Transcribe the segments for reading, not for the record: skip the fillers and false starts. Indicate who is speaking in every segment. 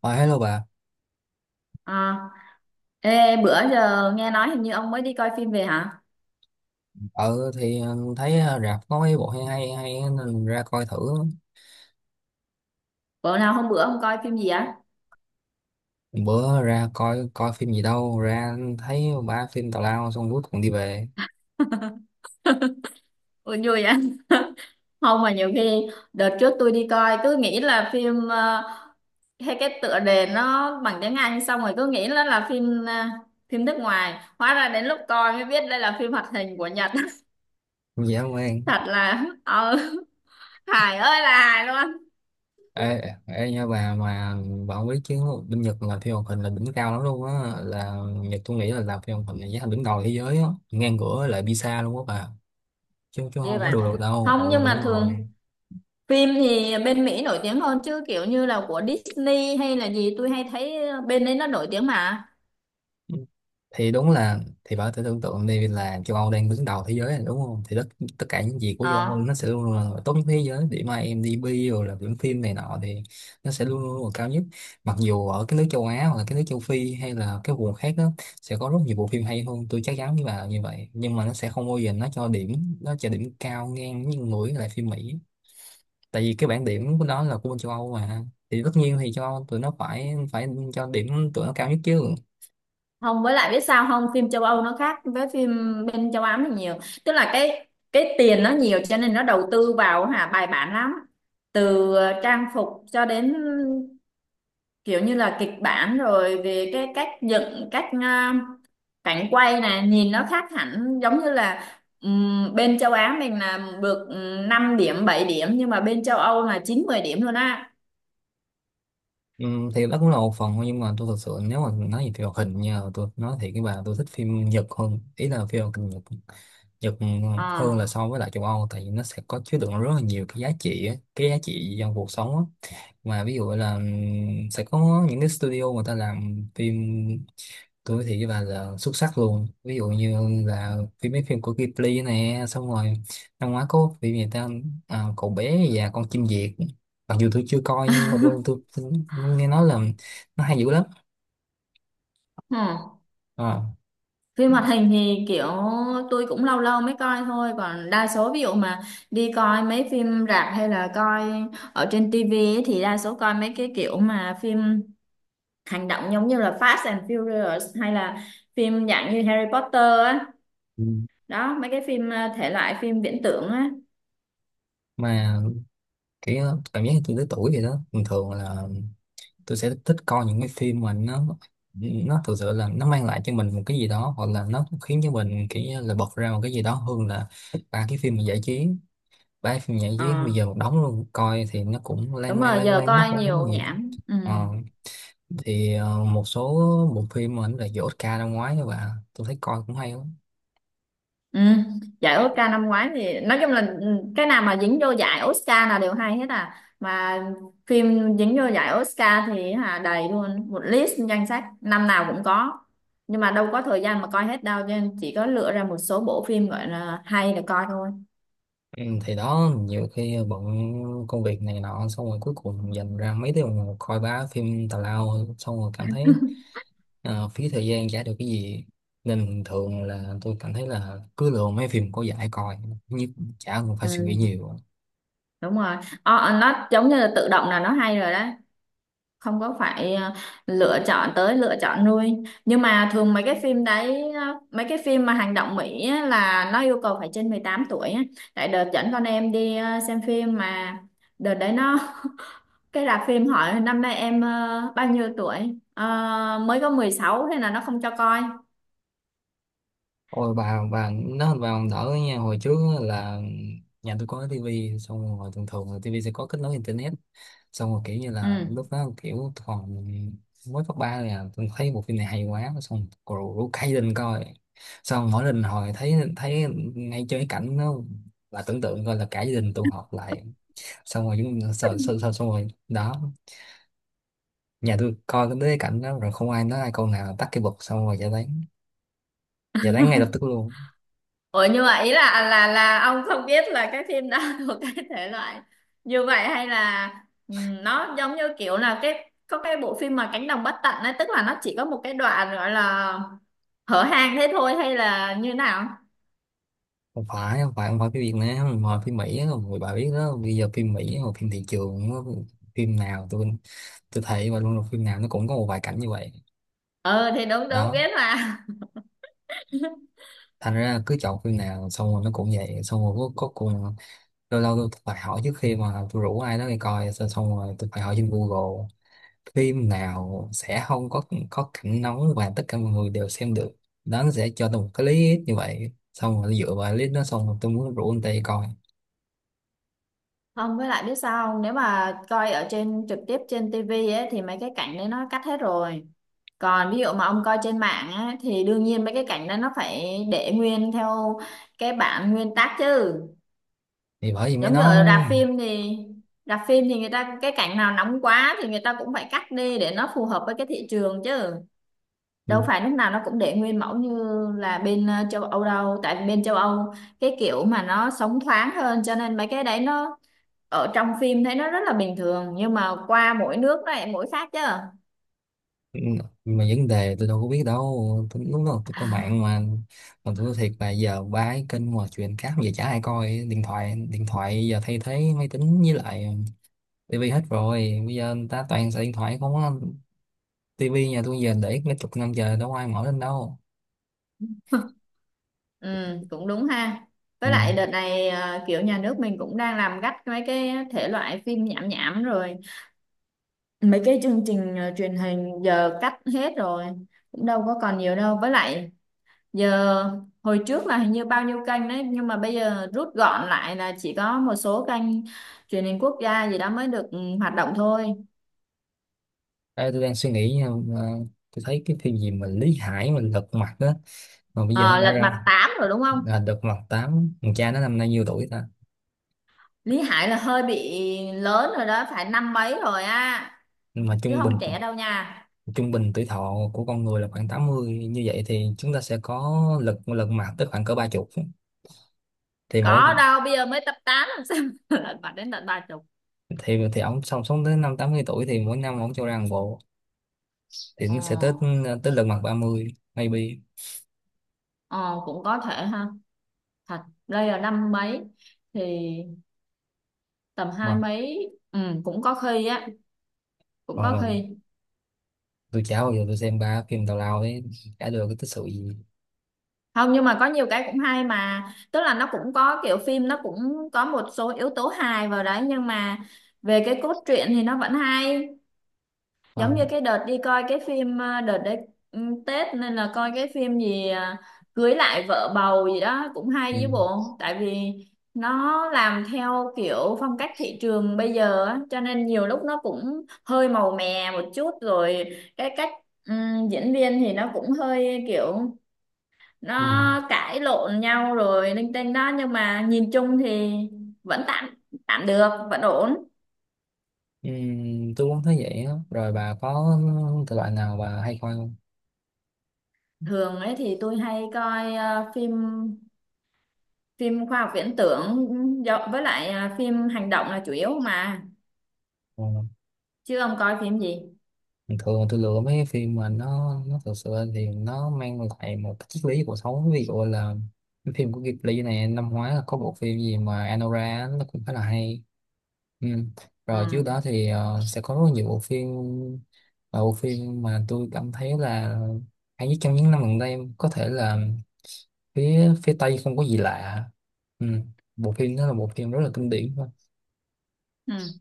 Speaker 1: Ờ, hello bà.
Speaker 2: À, ê, bữa giờ nghe nói hình như ông mới đi coi phim về hả?
Speaker 1: Thấy, rạp có mấy bộ hay hay hay á, nên ra coi thử.
Speaker 2: Bữa nào hôm bữa ông coi phim gì á?
Speaker 1: Bữa ra coi coi phim gì đâu, ra thấy ba phim tào lao, xong cuối cùng đi về.
Speaker 2: Ủa, vui á. Không mà nhiều khi đợt trước tôi đi coi cứ nghĩ là phim hay cái tựa đề nó bằng tiếng Anh xong rồi cứ nghĩ nó là phim nước ngoài. Hóa ra đến lúc coi mới biết đây là phim hoạt hình của Nhật.
Speaker 1: Dễ không em.
Speaker 2: Thật là hài ơi là hài luôn.
Speaker 1: Ê, ê nha bà, mà bà không biết chứ, bên Nhật làm phim hoạt hình là đỉnh cao lắm luôn á, là Nhật. Tôi nghĩ là làm phim hoạt hình là giá thành đứng đầu thế giới á, ngang cửa lại Pizza luôn á bà. Chứ chứ
Speaker 2: Như
Speaker 1: không có
Speaker 2: vậy.
Speaker 1: đùa được đâu, ừ
Speaker 2: Không nhưng mà
Speaker 1: đúng rồi.
Speaker 2: thường phim thì bên Mỹ nổi tiếng hơn chứ kiểu như là của Disney hay là gì tôi hay thấy bên đấy nó nổi tiếng mà.
Speaker 1: Thì đúng là, thì bảo thử tưởng tượng đi, là châu Âu đang đứng đầu thế giới này, đúng không? Thì tất tất cả những gì của châu Âu
Speaker 2: Ờ,
Speaker 1: nó sẽ luôn luôn là tốt nhất thế giới, điểm IMDb rồi là điểm phim này nọ thì nó sẽ luôn luôn là cao nhất. Mặc dù ở cái nước châu Á hoặc là cái nước châu Phi hay là cái vùng khác đó sẽ có rất nhiều bộ phim hay hơn, tôi chắc chắn với bà là như vậy, nhưng mà nó sẽ không bao giờ nó cho điểm, nó cho điểm cao ngang như mũi lại phim Mỹ, tại vì cái bảng điểm của nó là của bên châu Âu mà, thì tất nhiên thì châu Âu tụi nó phải phải cho điểm tụi nó cao nhất chứ.
Speaker 2: Không với lại biết sao không, phim châu Âu nó khác với phim bên châu Á mình nhiều. Tức là cái tiền nó nhiều cho nên nó đầu tư vào hả bài bản lắm. Từ trang phục cho đến kiểu như là kịch bản rồi về cái cách dựng cách cảnh quay này nhìn nó khác hẳn giống như là bên châu Á mình là được 5 điểm 7 điểm nhưng mà bên châu Âu là 9 10 điểm luôn á.
Speaker 1: Ừ, thì đó cũng là một phần thôi, nhưng mà tôi thật sự, nếu mà nói về phim hoạt hình nha, tôi nói thiệt với bà, tôi thích phim Nhật hơn, ý là phim hoạt hình Nhật. Nhật
Speaker 2: Ờ,
Speaker 1: hơn là so với lại châu Âu, tại vì nó sẽ có chứa đựng rất là nhiều cái giá trị á, cái giá trị trong cuộc sống á. Mà ví dụ là sẽ có những cái studio người ta làm phim, tôi thì với bà là xuất sắc luôn, ví dụ như là phim, mấy phim của Ghibli nè, xong rồi năm ngoái có phim gì ta? À, Cậu Bé và Con Chim Diệc. Mặc dù tôi chưa coi, nhưng mà tôi nghe nói là nó hay dữ lắm.
Speaker 2: hmm.
Speaker 1: Ờ.
Speaker 2: Phim hoạt hình thì kiểu tôi cũng lâu lâu mới coi thôi, còn đa số ví dụ mà đi coi mấy phim rạp hay là coi ở trên tivi ấy thì đa số coi mấy cái kiểu mà phim hành động giống như là Fast and Furious hay là phim dạng như Harry Potter á,
Speaker 1: Ừ.
Speaker 2: đó mấy cái phim thể loại phim viễn tưởng á.
Speaker 1: Mà kiểu cảm giác như tôi tới tuổi vậy đó, bình thường là tôi sẽ thích coi những cái phim mà nó thực sự là nó mang lại cho mình một cái gì đó, hoặc là nó khiến cho mình kiểu như là bật ra một cái gì đó, hơn là ba cái phim mà giải trí. Ba cái phim giải trí
Speaker 2: Ờ,
Speaker 1: bây giờ một đống luôn, coi thì nó cũng lan
Speaker 2: đúng
Speaker 1: man
Speaker 2: rồi
Speaker 1: lan
Speaker 2: giờ
Speaker 1: man nó
Speaker 2: coi
Speaker 1: không có
Speaker 2: nhiều
Speaker 1: cái gì.
Speaker 2: nhảm, ừ.
Speaker 1: Ờ, thì một số bộ phim mà nó là giải Oscar năm ngoái các bạn tôi thấy coi cũng hay lắm.
Speaker 2: Ừ, giải Oscar năm ngoái thì nói chung là cái nào mà dính vô giải Oscar là đều hay hết à, mà phim dính vô giải Oscar thì hả đầy luôn một list danh sách năm nào cũng có, nhưng mà đâu có thời gian mà coi hết đâu cho nên chỉ có lựa ra một số bộ phim gọi là hay để coi thôi.
Speaker 1: Ừ, thì đó, nhiều khi bận công việc này nọ, xong rồi cuối cùng dành ra mấy tiếng đồng hồ coi bá phim tào lao, xong rồi cảm thấy phí thời gian, chả được cái gì. Nên thường là tôi cảm thấy là cứ lựa mấy phim có giải coi nhất, chả cần phải suy nghĩ
Speaker 2: Ừ,
Speaker 1: nhiều.
Speaker 2: đúng rồi. Ờ, ờ, nó giống như là tự động là nó hay rồi đó, không có phải lựa chọn tới lựa chọn nuôi, nhưng mà thường mấy cái phim đấy, mấy cái phim mà hành động Mỹ á, là nó yêu cầu phải trên 18 tuổi á. Tại đợt dẫn con em đi xem phim mà đợt đấy nó, cái rạp phim hỏi năm nay em bao nhiêu tuổi. Ờ, mới có 16 thế là nó không cho coi.
Speaker 1: Ôi bà nó bà còn đỡ nha. Hồi trước á là nhà tôi có cái tivi, xong rồi thường thường là tivi sẽ có kết nối internet, xong rồi kiểu như là
Speaker 2: Ừ.
Speaker 1: lúc đó kiểu còn mới cấp ba, là tôi thấy một phim này hay quá xong rồi rủ cây lên coi. Xong mỗi lần hồi thấy thấy ngay chơi cái cảnh nó, là tưởng tượng coi là cả gia đình tụ họp lại, xong rồi chúng sợ sợ sợ xong rồi đó nhà tôi coi tới cái cảnh đó rồi không ai nói ai câu nào, tắt cái bật xong rồi giải tán, giải tán ngay lập tức luôn.
Speaker 2: Ủa nhưng mà ý là ông không biết là cái phim đó thuộc cái thể loại như vậy hay là nó giống như kiểu là cái có cái bộ phim mà Cánh đồng bất tận ấy, tức là nó chỉ có một cái đoạn gọi là hở hang thế thôi hay là như nào?
Speaker 1: Không phải phim Việt Nam mà phim Mỹ á, rồi bà biết đó, bây giờ phim Mỹ hoặc phim thị trường nó- phim nào tôi thấy và luôn là phim nào nó cũng có một vài cảnh như vậy.
Speaker 2: Ờ thì đúng đúng
Speaker 1: Đó,
Speaker 2: biết mà.
Speaker 1: thành ra cứ chọn phim nào xong rồi nó cũng vậy, xong rồi cuối cuối cùng lâu lâu tôi phải hỏi trước khi mà tôi rủ ai đó đi coi, xong xong rồi tôi phải hỏi trên Google phim nào sẽ không có cảnh nóng và tất cả mọi người đều xem được. Đó, nó sẽ cho tôi một cái list như vậy, xong rồi dựa vào list đó xong rồi tôi muốn rủ anh ta đi coi.
Speaker 2: Không với lại biết sao không? Nếu mà coi ở trên trực tiếp trên tivi ấy thì mấy cái cảnh đấy nó cắt hết rồi. Còn ví dụ mà ông coi trên mạng á, thì đương nhiên mấy cái cảnh đó nó phải để nguyên theo cái bản nguyên tác chứ.
Speaker 1: Thì bởi vì mấy
Speaker 2: Giống như
Speaker 1: nó...
Speaker 2: ở rạp phim thì người ta cái cảnh nào nóng quá thì người ta cũng phải cắt đi để nó phù hợp với cái thị trường chứ, đâu phải lúc nào nó cũng để nguyên mẫu như là bên châu Âu đâu, tại vì bên châu Âu cái kiểu mà nó sống thoáng hơn cho nên mấy cái đấy nó ở trong phim thấy nó rất là bình thường nhưng mà qua mỗi nước nó lại mỗi khác chứ.
Speaker 1: Ừ, mà vấn đề tôi đâu có biết đâu, tôi, lúc đó tôi có mạng mà. Mà tôi nói thiệt là giờ ba cái kênh mà chuyện cáp giờ chả ai coi, điện thoại giờ thay thế máy tính với lại tivi hết rồi, bây giờ người ta toàn xài điện thoại không á. Tivi nhà tôi giờ để mấy chục năm giờ đâu có ai mở lên đâu.
Speaker 2: Ừ, cũng đúng ha,
Speaker 1: Ừ.
Speaker 2: với lại đợt này kiểu nhà nước mình cũng đang làm gắt mấy cái thể loại phim nhảm nhảm rồi, mấy cái chương trình truyền hình giờ cắt hết rồi, cũng đâu có còn nhiều đâu, với lại giờ hồi trước là hình như bao nhiêu kênh đấy nhưng mà bây giờ rút gọn lại là chỉ có một số kênh truyền hình quốc gia gì đó mới được hoạt động thôi.
Speaker 1: Ê, tôi đang suy nghĩ nha, ờ, tôi thấy cái phim gì mà Lý Hải mà Lật Mặt á, mà bây giờ nó
Speaker 2: Ờ,
Speaker 1: đã
Speaker 2: lật
Speaker 1: ra
Speaker 2: mặt 8 rồi đúng không.
Speaker 1: là Lật Mặt 8. Thằng cha nó năm nay nhiêu tuổi ta?
Speaker 2: Lý Hải là hơi bị lớn rồi đó, phải năm mấy rồi á,
Speaker 1: Mà
Speaker 2: chứ không trẻ đâu nha.
Speaker 1: trung bình tuổi thọ của con người là khoảng 80, như vậy thì chúng ta sẽ có lật lật mặt tới khoảng cỡ ba chục. Thì mỗi...
Speaker 2: Có đâu bây giờ mới tập 8 làm sao. Lật mặt đến tận 30.
Speaker 1: Thì ông sống sống tới năm 80 tuổi thì mỗi năm ông cho ra một bộ thì
Speaker 2: Ờ,
Speaker 1: nó sẽ tới, tới Lật Mặt 30. Maybe.
Speaker 2: ờ cũng có thể ha. Thật đây là năm mấy thì tầm hai
Speaker 1: Mà
Speaker 2: mấy, cũng có khi á, cũng
Speaker 1: còn
Speaker 2: có
Speaker 1: mình,
Speaker 2: khi.
Speaker 1: tôi chả bao giờ tôi xem ba phim tào lao ấy, cả đời có tích sự gì.
Speaker 2: Không nhưng mà có nhiều cái cũng hay mà, tức là nó cũng có kiểu phim nó cũng có một số yếu tố hài vào đấy nhưng mà về cái cốt truyện thì nó vẫn hay,
Speaker 1: Ờ,
Speaker 2: giống như cái đợt đi coi cái phim, đợt đấy ừ, Tết nên là coi cái phim gì, cưới lại vợ bầu gì đó cũng
Speaker 1: ừ,
Speaker 2: hay chứ bộ, tại vì nó làm theo kiểu phong cách thị trường bây giờ á cho nên nhiều lúc nó cũng hơi màu mè một chút rồi cái cách diễn viên thì nó cũng hơi kiểu
Speaker 1: ừ,
Speaker 2: nó cãi lộn nhau rồi linh tinh đó nhưng mà nhìn chung thì vẫn tạm tạm được, vẫn ổn.
Speaker 1: ừ, tôi cũng thấy vậy á. Rồi bà có thể loại nào bà hay coi không?
Speaker 2: Thường ấy thì tôi hay coi phim phim khoa học viễn tưởng, với lại phim hành động là chủ yếu mà.
Speaker 1: Ừ.
Speaker 2: Chứ ông coi phim gì.
Speaker 1: Thường tôi lựa mấy cái phim mà nó thực sự thì nó mang lại một cái triết lý cuộc sống, ví dụ là cái phim của Ghibli này, năm ngoái là có bộ phim gì mà Anora á, nó cũng khá là hay. Ừ. Rồi trước đó
Speaker 2: Ừ.
Speaker 1: thì sẽ có rất nhiều bộ phim, và bộ phim mà tôi cảm thấy là hay nhất trong những năm gần đây có thể là phía phía Tây Không Có Gì Lạ. Ừ. Bộ phim đó là bộ phim rất là kinh điển thôi.
Speaker 2: Ừ.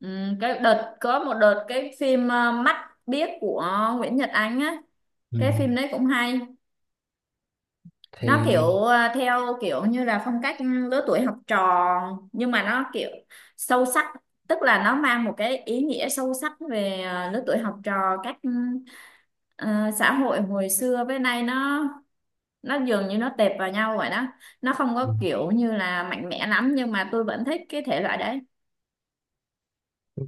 Speaker 2: Ừ. Cái đợt có một đợt cái phim mắt biếc của Nguyễn Nhật Ánh á, cái
Speaker 1: Ừ.
Speaker 2: phim đấy cũng hay, nó
Speaker 1: Thì.
Speaker 2: kiểu theo kiểu như là phong cách lứa tuổi học trò nhưng mà nó kiểu sâu sắc, tức là nó mang một cái ý nghĩa sâu sắc về lứa tuổi học trò cách ờ, xã hội hồi xưa với nay nó dường như nó tệp vào nhau vậy đó, nó không
Speaker 1: Ừ.
Speaker 2: có kiểu như là mạnh mẽ lắm nhưng mà tôi vẫn thích cái thể loại đấy.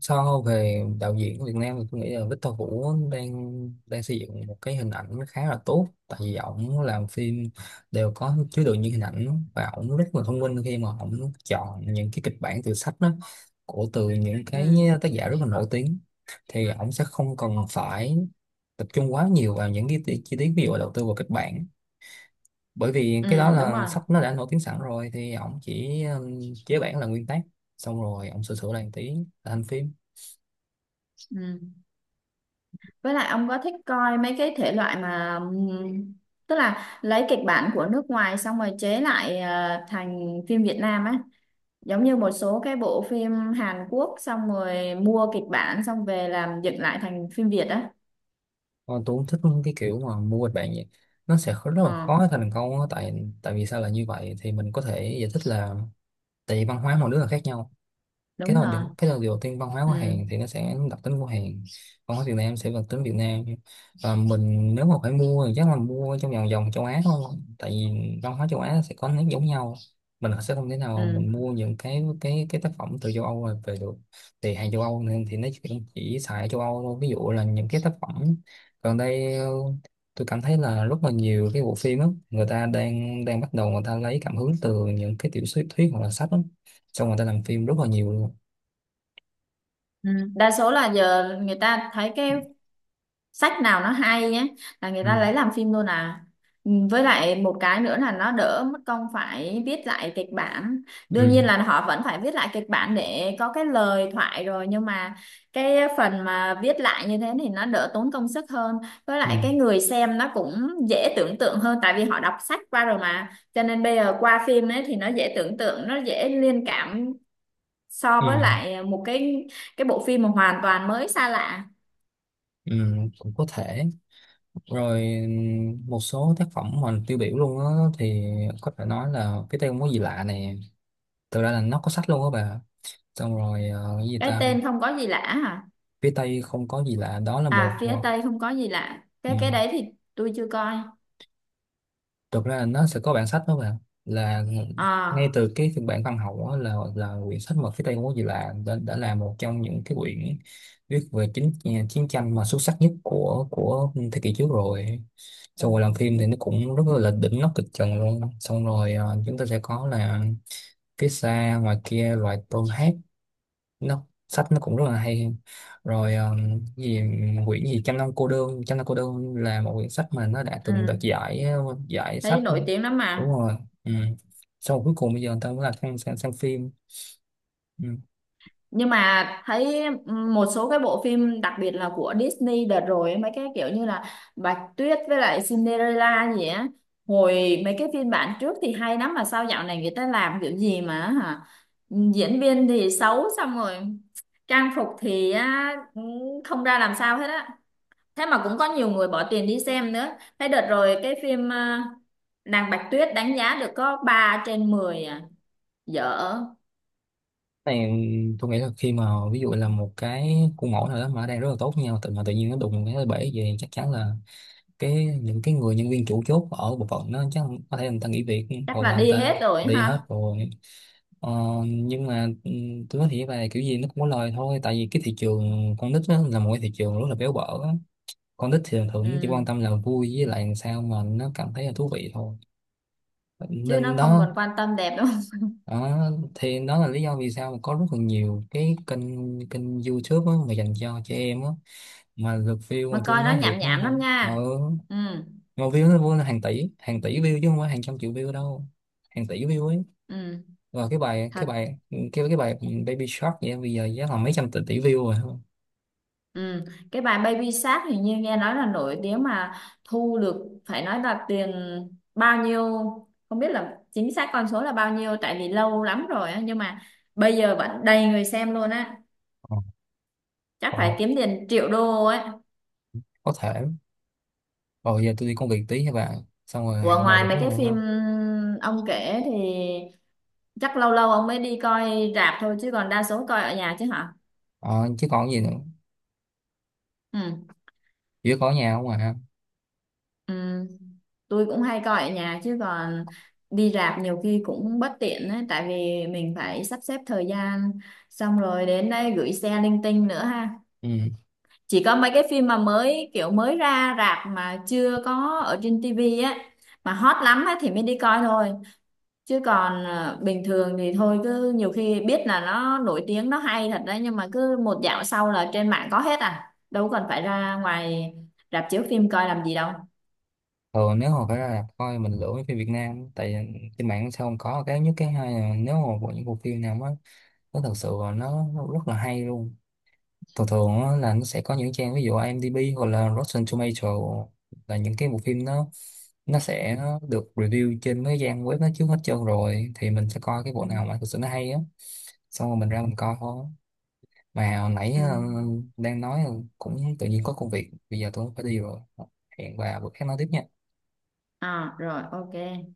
Speaker 1: So về đạo diễn của Việt Nam thì tôi nghĩ là Victor Vũ đang đang xây dựng một cái hình ảnh khá là tốt, tại vì ổng làm phim đều có chứa đựng những hình ảnh, và ổng rất là thông minh khi mà ổng chọn những cái kịch bản từ sách đó, của, từ những cái
Speaker 2: Ừ,
Speaker 1: tác giả rất là nổi tiếng. Thì ổng sẽ không cần phải tập trung quá nhiều vào những cái chi tiết, ví dụ là đầu tư vào kịch bản, bởi vì cái đó
Speaker 2: ừ đúng
Speaker 1: là
Speaker 2: rồi.
Speaker 1: sách nó đã nổi tiếng sẵn rồi, thì ổng chỉ chế bản là nguyên tác, xong rồi ổng sửa sửa lại một tí là thành phim.
Speaker 2: Ừ. Với lại ông có thích coi mấy cái thể loại mà tức là lấy kịch bản của nước ngoài xong rồi chế lại thành phim Việt Nam á, giống như một số cái bộ phim Hàn Quốc xong rồi mua kịch bản xong về làm dựng lại thành phim Việt á.
Speaker 1: Còn tôi cũng thích cái kiểu mà mua kịch bản vậy. Nó sẽ rất là
Speaker 2: Ờ,
Speaker 1: khó thành công á. Tại, tại vì sao là như vậy thì mình có thể giải thích là tại vì văn hóa mỗi nước là khác nhau. Cái
Speaker 2: đúng
Speaker 1: đó
Speaker 2: rồi.
Speaker 1: đừng, cái đó đầu tiên, văn hóa của
Speaker 2: Ừ.
Speaker 1: Hàn thì nó sẽ đặc tính của Hàn, văn hóa Việt Nam sẽ đặc tính Việt Nam. Và mình nếu mà phải mua thì chắc là mua trong vòng vòng châu Á thôi, tại vì văn hóa châu Á sẽ có nét giống nhau. Mình sẽ không thể nào
Speaker 2: Ừ.
Speaker 1: mình mua những cái cái tác phẩm từ châu Âu về được. Thì hàng châu Âu nên thì nó chỉ xài ở châu Âu thôi. Ví dụ là những cái tác phẩm gần đây tôi cảm thấy là rất là nhiều cái bộ phim á, người ta đang đang bắt đầu người ta lấy cảm hứng từ những cái tiểu thuyết thuyết hoặc là sách á, xong người ta làm phim rất là nhiều luôn.
Speaker 2: Ừ. Đa số là giờ người ta thấy cái sách nào nó hay nhé là người ta
Speaker 1: Ừ,
Speaker 2: lấy làm phim luôn à. Ừ, với lại một cái nữa là nó đỡ mất công phải viết lại kịch bản,
Speaker 1: ừ,
Speaker 2: đương nhiên là họ vẫn phải viết lại kịch bản để có cái lời thoại rồi nhưng mà cái phần mà viết lại như thế thì nó đỡ tốn công sức hơn, với
Speaker 1: ừ,
Speaker 2: lại cái người xem nó cũng dễ tưởng tượng hơn tại vì họ đọc sách qua rồi mà cho nên bây giờ qua phim ấy thì nó dễ tưởng tượng nó dễ liên cảm so với
Speaker 1: ừ,
Speaker 2: lại một cái bộ phim mà hoàn toàn mới xa lạ.
Speaker 1: ừ, cũng có thể. Rồi một số tác phẩm mà tiêu biểu luôn á, thì có thể nói là Phía Tây Không Có Gì Lạ nè, thực ra là nó có sách luôn á bà, xong rồi cái gì
Speaker 2: Cái
Speaker 1: ta.
Speaker 2: tên không có gì lạ hả.
Speaker 1: Phía Tây Không Có Gì Lạ đó, là một
Speaker 2: À phía Tây không có gì lạ.
Speaker 1: ừ,
Speaker 2: Cái đấy thì tôi chưa coi.
Speaker 1: thực ra là nó sẽ có bản sách đó bạn, là ngay
Speaker 2: À,
Speaker 1: từ cái phiên bản văn học đó là quyển sách mà Phía Tây Ngô Gì Lạ đã là một trong những cái quyển viết về chính, à, chiến tranh mà xuất sắc nhất của thế kỷ trước rồi. Xong rồi làm phim thì nó cũng rất là đỉnh, nó kịch trần luôn, xong rồi chúng ta sẽ có là Phía Xa Ngoài Kia Loài Tôm Hát. Nó, sách nó cũng rất là hay. Rồi gì, quyển gì Trăm Năm Cô Đơn, Trăm Năm Cô Đơn là một quyển sách mà nó đã từng đoạt
Speaker 2: ừ,
Speaker 1: giải giải sách.
Speaker 2: thấy nổi tiếng lắm
Speaker 1: Đúng
Speaker 2: mà.
Speaker 1: rồi. Ừ. Sau rồi cuối cùng bây giờ người ta mới là sang phim. Ừ.
Speaker 2: Nhưng mà thấy một số cái bộ phim, đặc biệt là của Disney đợt rồi ấy, mấy cái kiểu như là Bạch Tuyết với lại Cinderella gì á, hồi mấy cái phiên bản trước thì hay lắm, mà sao dạo này người ta làm kiểu gì mà hả, diễn viên thì xấu, xong rồi trang phục thì á, không ra làm sao hết á, thế mà cũng có nhiều người bỏ tiền đi xem nữa. Thế đợt rồi cái phim Nàng Bạch Tuyết đánh giá được có 3/10 à, dở.
Speaker 1: Này, tôi nghĩ là khi mà ví dụ là một cái khuôn mẫu nào đó mà đang rất là tốt với nhau tự mà tự nhiên nó đụng cái bể về, chắc chắn là cái, những cái người nhân viên chủ chốt ở bộ phận nó chắc có thể người ta nghỉ việc
Speaker 2: Chắc
Speaker 1: hoặc
Speaker 2: là
Speaker 1: là người
Speaker 2: đi
Speaker 1: ta
Speaker 2: hết rồi
Speaker 1: đi hết
Speaker 2: ha.
Speaker 1: rồi. Ờ, nhưng mà tôi nói thiệt là kiểu gì nó cũng có lời thôi, tại vì cái thị trường con nít á, là một cái thị trường rất là béo bở á. Con nít thì thường chỉ
Speaker 2: Ừ.
Speaker 1: quan tâm là vui với lại làm sao mà nó cảm thấy là thú vị thôi.
Speaker 2: Chứ
Speaker 1: Nên
Speaker 2: nó không
Speaker 1: đó.
Speaker 2: còn quan tâm đẹp đâu.
Speaker 1: Đó thì đó là lý do vì sao mà có rất là nhiều cái kênh, kênh YouTube á, mà dành cho trẻ em á, mà lượt view mà
Speaker 2: Mà
Speaker 1: tôi
Speaker 2: coi nó
Speaker 1: nói thiệt
Speaker 2: nhảm
Speaker 1: đó
Speaker 2: nhảm
Speaker 1: hả,
Speaker 2: lắm
Speaker 1: ờ,
Speaker 2: nha. Ừ.
Speaker 1: mà view nó vô là hàng tỷ, hàng tỷ view chứ không phải hàng trăm triệu view đâu, hàng tỷ view ấy.
Speaker 2: Ừ.
Speaker 1: Rồi cái bài
Speaker 2: Thật.
Speaker 1: cái bài cái cái bài Baby Shark vậy bây giờ giá là mấy trăm tỷ tỷ view rồi không?
Speaker 2: Ừ, cái bài Baby Shark hình như nghe nói là nổi tiếng mà, thu được phải nói là tiền bao nhiêu, không biết là chính xác con số là bao nhiêu tại vì lâu lắm rồi á nhưng mà bây giờ vẫn đầy người xem luôn á.
Speaker 1: Ờ,
Speaker 2: Chắc
Speaker 1: ờ,
Speaker 2: phải kiếm tiền triệu đô ấy.
Speaker 1: có thể. Rồi giờ tôi đi công việc tí các bạn. Xong rồi
Speaker 2: Ủa,
Speaker 1: hẹn bà
Speaker 2: ngoài
Speaker 1: bữa
Speaker 2: mấy
Speaker 1: khác
Speaker 2: cái
Speaker 1: được
Speaker 2: phim
Speaker 1: không?
Speaker 2: ông kể thì chắc lâu lâu ông mới đi coi rạp thôi chứ còn đa số coi ở nhà chứ hả.
Speaker 1: Ờ, chứ còn gì nữa.
Speaker 2: Ừ.
Speaker 1: Chỉ có nhà không à.
Speaker 2: Ừ. Tôi cũng hay coi ở nhà chứ còn đi rạp nhiều khi cũng bất tiện ấy, tại vì mình phải sắp xếp thời gian xong rồi đến đây gửi xe linh tinh nữa ha.
Speaker 1: Ừ.
Speaker 2: Chỉ có mấy cái phim mà mới kiểu mới ra rạp mà chưa có ở trên tivi á, mà hot lắm á thì mới đi coi thôi, chứ còn bình thường thì thôi cứ nhiều khi biết là nó nổi tiếng nó hay thật đấy nhưng mà cứ một dạo sau là trên mạng có hết à, đâu cần phải ra ngoài rạp chiếu phim coi làm gì đâu.
Speaker 1: Thường nếu mà phải ra rạp coi mình lựa mấy phim Việt Nam, tại trên mạng sao không có. Cái nhất, cái hai là nếu mà bộ, những bộ phim nào mà nó thật sự là nó rất là hay luôn, thường thường á, là nó sẽ có những trang ví dụ IMDb hoặc là Rotten Tomato, là những cái bộ phim, nó sẽ được review trên mấy trang web nó trước hết trơn, rồi thì mình sẽ coi cái bộ
Speaker 2: Ừ.
Speaker 1: nào mà thực sự nó hay á, xong rồi mình ra mình coi thôi. Mà hồi nãy
Speaker 2: Ừ.
Speaker 1: đang nói, cũng tự nhiên có công việc bây giờ tôi phải đi rồi. Hẹn bà bữa khác nói tiếp nha.
Speaker 2: À rồi ok.